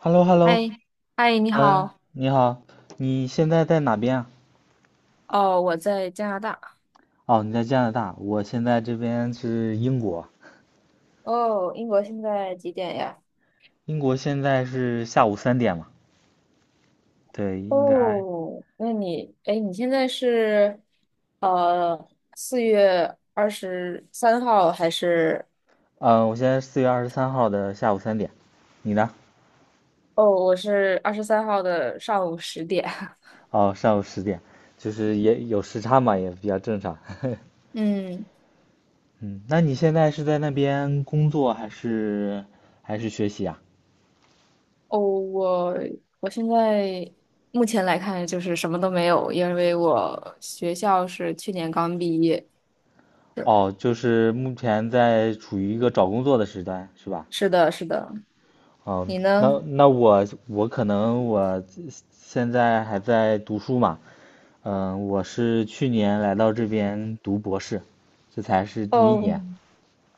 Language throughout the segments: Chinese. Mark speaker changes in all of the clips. Speaker 1: h e l l o h e l l o
Speaker 2: 嗨，嗨，你
Speaker 1: 嗯，
Speaker 2: 好。
Speaker 1: 你好，你现在在哪边啊？
Speaker 2: 哦，我在加拿大。
Speaker 1: 哦，你在加拿大，我现在这边是英国。
Speaker 2: 哦，英国现在几点呀？
Speaker 1: 英国现在是下午三点嘛？对，应该。
Speaker 2: 哦，那你，哎，你现在是，4月23号还是？
Speaker 1: 嗯，我现在4月23号的下午三点，你呢？
Speaker 2: 哦，我是二十三号的上午10点。
Speaker 1: 哦，上午10点，就是也有时差嘛，也比较正常。
Speaker 2: 嗯，
Speaker 1: 嗯，那你现在是在那边工作还是学习啊？
Speaker 2: 哦，我现在目前来看就是什么都没有，因为我学校是去年刚毕业。是
Speaker 1: 哦，就是目前在处于一个找工作的时段，是吧？
Speaker 2: 是的，是的。
Speaker 1: 哦，
Speaker 2: 你
Speaker 1: 那
Speaker 2: 呢？
Speaker 1: 那我我可能我现在还在读书嘛。嗯，我是去年来到这边读博士，这才是第一年，
Speaker 2: 哦，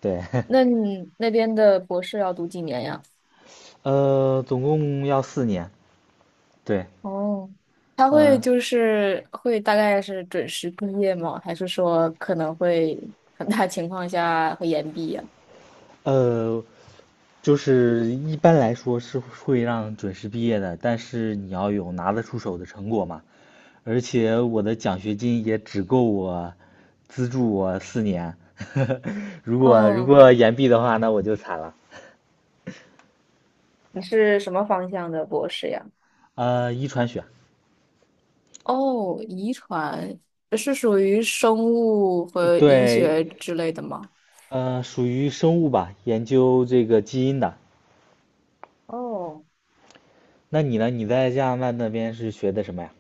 Speaker 1: 对。
Speaker 2: 那你那边的博士要读几年呀？
Speaker 1: 总共要4年，对。
Speaker 2: 哦，他会
Speaker 1: 嗯，
Speaker 2: 就是会大概是准时毕业吗？还是说可能会很大情况下会延毕呀？
Speaker 1: 呃，就是一般来说是会让准时毕业的，但是你要有拿得出手的成果嘛。而且我的奖学金也只够我资助我四年。如果如
Speaker 2: 嗯，
Speaker 1: 果延毕的话，那我就惨了。
Speaker 2: 你是什么方向的博士呀？
Speaker 1: 遗传学，
Speaker 2: 哦，遗传是属于生物和医学
Speaker 1: 对。
Speaker 2: 之类的吗？
Speaker 1: 属于生物吧，研究这个基因的。
Speaker 2: 哦，
Speaker 1: 那你呢？你在加拿大那边是学的什么呀？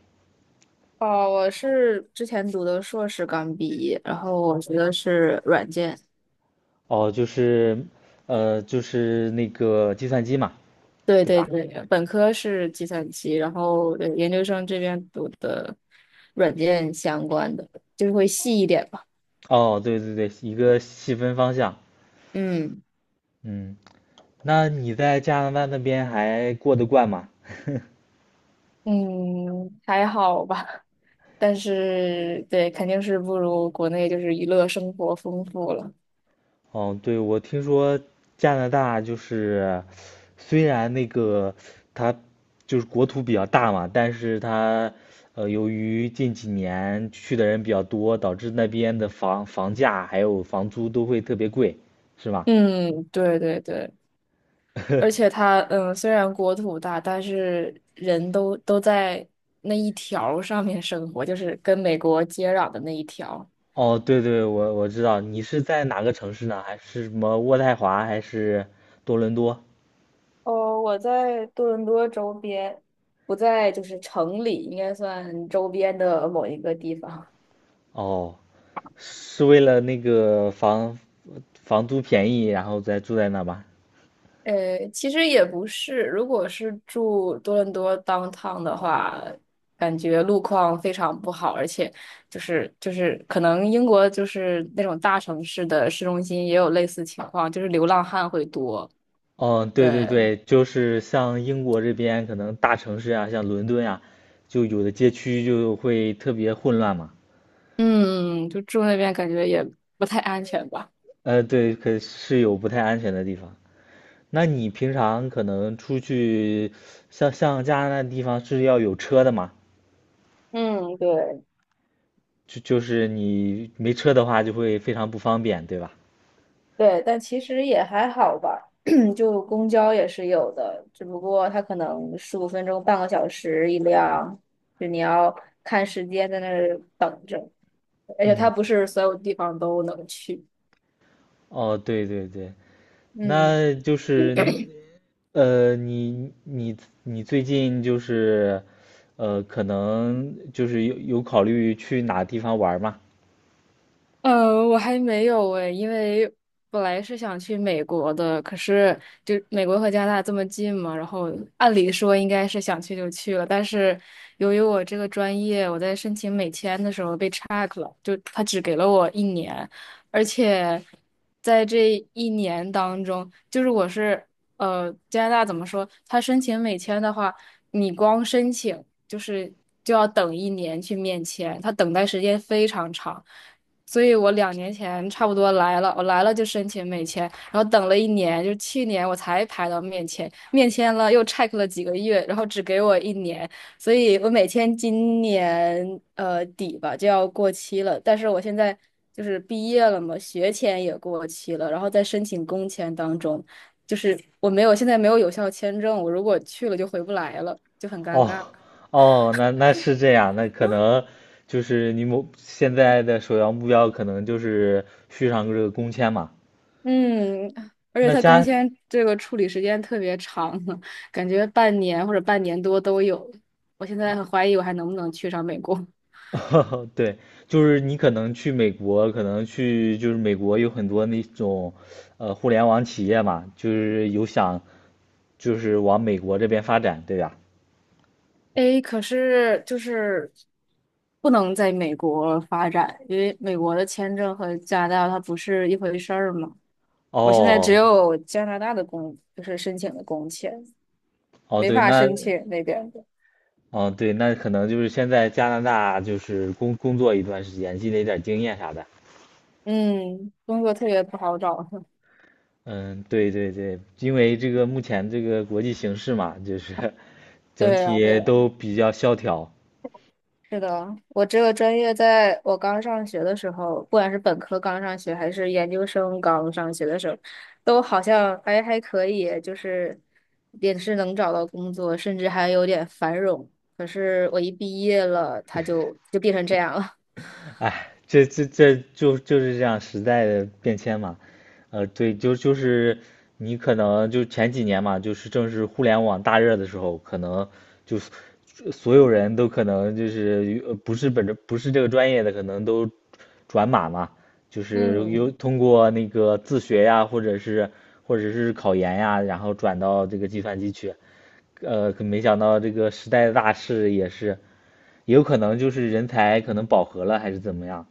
Speaker 2: 哦，我是之前读的硕士刚毕业，然后我学的是软件。
Speaker 1: 哦，就是，就是那个计算机嘛，
Speaker 2: 对
Speaker 1: 对
Speaker 2: 对
Speaker 1: 吧？
Speaker 2: 对，本科是计算机，然后对研究生这边读的软件相关的，就是会细一点吧。
Speaker 1: 哦，对对对，一个细分方向。
Speaker 2: 嗯
Speaker 1: 嗯，那你在加拿大那边还过得惯吗？
Speaker 2: 嗯，还好吧，但是对，肯定是不如国内就是娱乐生活丰富了。
Speaker 1: 哦，对，我听说加拿大就是，虽然那个它就是国土比较大嘛，但是它由于近几年去的人比较多，导致那边的房价还有房租都会特别贵，是吗？
Speaker 2: 嗯，对对对，而 且它虽然国土大，但是人都在那一条儿上面生活，就是跟美国接壤的那一条。
Speaker 1: 哦，对对，我知道。你是在哪个城市呢？还是什么渥太华，还是多伦多？
Speaker 2: 哦，我在多伦多周边，不在就是城里，应该算周边的某一个地方。
Speaker 1: 哦，是为了那个房租便宜，然后再住在那吧？
Speaker 2: 其实也不是，如果是住多伦多 downtown 的话，感觉路况非常不好，而且就是可能英国就是那种大城市的市中心也有类似情况，就是流浪汉会多。
Speaker 1: 嗯，对对
Speaker 2: 对，
Speaker 1: 对，就是像英国这边可能大城市啊，像伦敦啊，就有的街区就会特别混乱嘛。
Speaker 2: 嗯，就住那边感觉也不太安全吧。
Speaker 1: 对，可是有不太安全的地方。那你平常可能出去，像加拿大地方是要有车的嘛？
Speaker 2: 嗯，对。
Speaker 1: 就是你没车的话，就会非常不方便，对吧？
Speaker 2: 对，但其实也还好吧，就公交也是有的，只不过它可能15分钟、半个小时一辆，就你要看时间在那儿等着，而且它
Speaker 1: 嗯，
Speaker 2: 不是所有地方都能去。
Speaker 1: 哦，对对对。
Speaker 2: 嗯，
Speaker 1: 那就是呃，你你你最近就是，可能就是有考虑去哪地方玩儿吗？
Speaker 2: 我还没有诶，因为本来是想去美国的，可是就美国和加拿大这么近嘛，然后按理说应该是想去就去了，但是由于我这个专业，我在申请美签的时候被 check 了，就他只给了我一年，而且在这一年当中，就是我是加拿大怎么说，他申请美签的话，你光申请就是就要等一年去面签，他等待时间非常长。所以我2年前差不多来了，我来了就申请美签，然后等了一年，就是去年我才排到面签，面签了又 check 了几个月，然后只给我一年，所以我美签今年底吧就要过期了，但是我现在就是毕业了嘛，学签也过期了，然后在申请工签当中，就是我没有现在没有有效签证，我如果去了就回不来了，就很尴
Speaker 1: 哦
Speaker 2: 尬。
Speaker 1: 哦，那是这样，那可能就是你某现在的首要目标可能就是续上这个工签嘛。
Speaker 2: 嗯，而且
Speaker 1: 那
Speaker 2: 他工
Speaker 1: 加，
Speaker 2: 签这个处理时间特别长，感觉半年或者半年多都有。我现在很怀疑我还能不能去上美国。
Speaker 1: 对，就是你可能去美国，可能去就是美国有很多那种，互联网企业嘛，就是有想就是往美国这边发展，对吧？
Speaker 2: 诶，可是就是不能在美国发展，因为美国的签证和加拿大它不是一回事儿嘛。我现在只
Speaker 1: 哦，
Speaker 2: 有加拿大的就是申请的工签，
Speaker 1: 哦，
Speaker 2: 没
Speaker 1: 对，
Speaker 2: 法
Speaker 1: 那。
Speaker 2: 申请那边的。
Speaker 1: 哦，对，那可能就是先在加拿大就是工作一段时间，积累点经验啥的。
Speaker 2: 嗯，工作特别不好找。
Speaker 1: 嗯，对对对，因为这个目前这个国际形势嘛，就是 整
Speaker 2: 对呀，对
Speaker 1: 体
Speaker 2: 呀。
Speaker 1: 都比较萧条。
Speaker 2: 是的，我这个专业在我刚上学的时候，不管是本科刚上学，还是研究生刚上学的时候，都好像还可以，就是也是能找到工作，甚至还有点繁荣。可是我一毕业了，它就变成这样了。
Speaker 1: 哎，这就是这样时代的变迁嘛。对，就是你可能就前几年嘛，就是正是互联网大热的时候，可能就是所有人都可能就是不是本着不是这个专业的，可能都转码嘛，就是有
Speaker 2: 嗯，
Speaker 1: 通过那个自学呀，或者是考研呀，然后转到这个计算机去。可没想到这个时代的大势也是，也有可能就是人才可能饱和了，还是怎么样。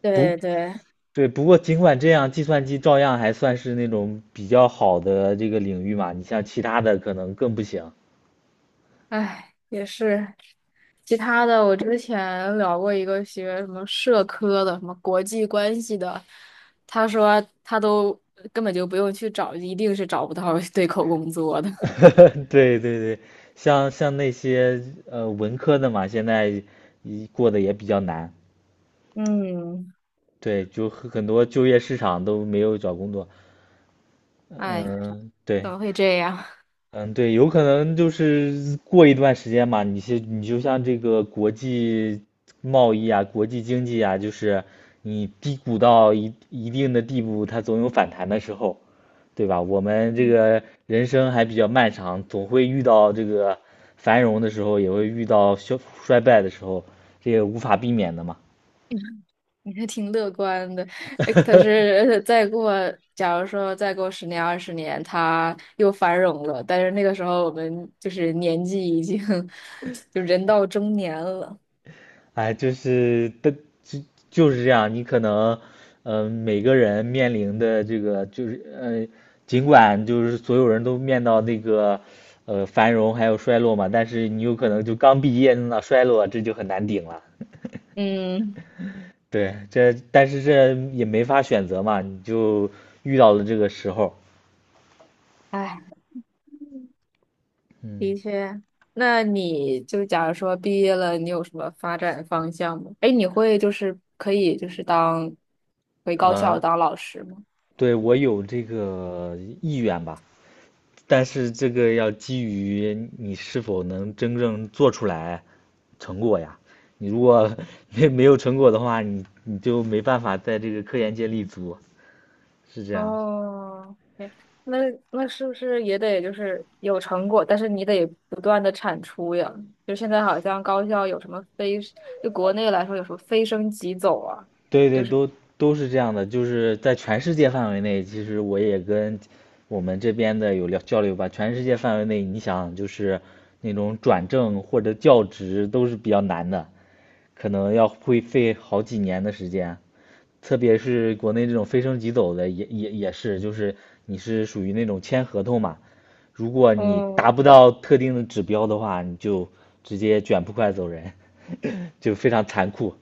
Speaker 1: 不，
Speaker 2: 对对，
Speaker 1: 对，不过尽管这样，计算机照样还算是那种比较好的这个领域嘛。你像其他的可能更不行。
Speaker 2: 唉，也是。其他的，我之前聊过一个学什么社科的，什么国际关系的，他说他都根本就不用去找，一定是找不到对口工作的。
Speaker 1: 对对对，像那些文科的嘛，现在一过得也比较难。
Speaker 2: 嗯，
Speaker 1: 对，就很多就业市场都没有找工作。
Speaker 2: 哎，
Speaker 1: 嗯，
Speaker 2: 怎
Speaker 1: 对。
Speaker 2: 么会这样？
Speaker 1: 嗯，对，有可能就是过一段时间嘛，你就像这个国际贸易啊、国际经济啊，就是你低谷到一定的地步，它总有反弹的时候，对吧？我们这个人生还比较漫长，总会遇到这个繁荣的时候，也会遇到衰败的时候，这也无法避免的嘛。
Speaker 2: 你还挺乐观的。哎可是假如说再过10年、20年，他又繁荣了，但是那个时候我们就是年纪已经 就人到中年了。
Speaker 1: 哎，就是的，就就是这样。你可能，嗯,每个人面临的这个就是，尽管就是所有人都面到那个，繁荣还有衰落嘛，但是你有可能就刚毕业那衰落，这就很难顶了。
Speaker 2: 嗯。
Speaker 1: 对，这但是这也没法选择嘛，你就遇到了这个时候。
Speaker 2: 哎。
Speaker 1: 嗯，
Speaker 2: 的确，那你就假如说毕业了，你有什么发展方向吗？哎，你会就是可以就是当回高校
Speaker 1: 呃，
Speaker 2: 当老师吗？
Speaker 1: 对，我有这个意愿吧，但是这个要基于你是否能真正做出来成果呀。你如果 没有成果的话，你就没办法在这个科研界立足，是这样。
Speaker 2: 哦，哎那那是不是也得就是有成果，但是你得不断的产出呀？就现在好像高校有什么非，就国内来说有什么非升即走啊，
Speaker 1: 对
Speaker 2: 就
Speaker 1: 对，
Speaker 2: 是
Speaker 1: 都是这样的，就是在全世界范围内，其实我也跟我们这边的有聊交流吧。全世界范围内，你想就是那种转正或者教职都是比较难的，可能要会费好几年的时间。特别是国内这种非升即走的也是，就是你是属于那种签合同嘛，如果你达不
Speaker 2: 嗯，
Speaker 1: 到特定的指标的话，你就直接卷铺盖走人。就非常残酷。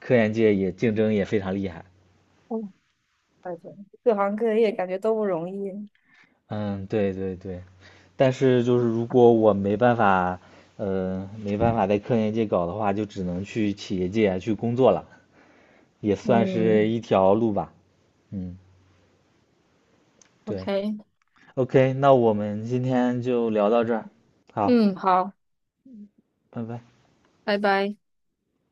Speaker 1: 科研界也竞争也非常厉害。
Speaker 2: 嗯感觉各行各业感觉都不容易。
Speaker 1: 嗯，对对对。但是就是如果我没办法在科研界搞的话，就只能去企业界啊去工作了，也算是
Speaker 2: 嗯
Speaker 1: 一条路吧。嗯，对。
Speaker 2: ，OK,
Speaker 1: OK,那我们今天就聊到这儿，好，
Speaker 2: 嗯，好，
Speaker 1: 拜拜。
Speaker 2: 拜拜。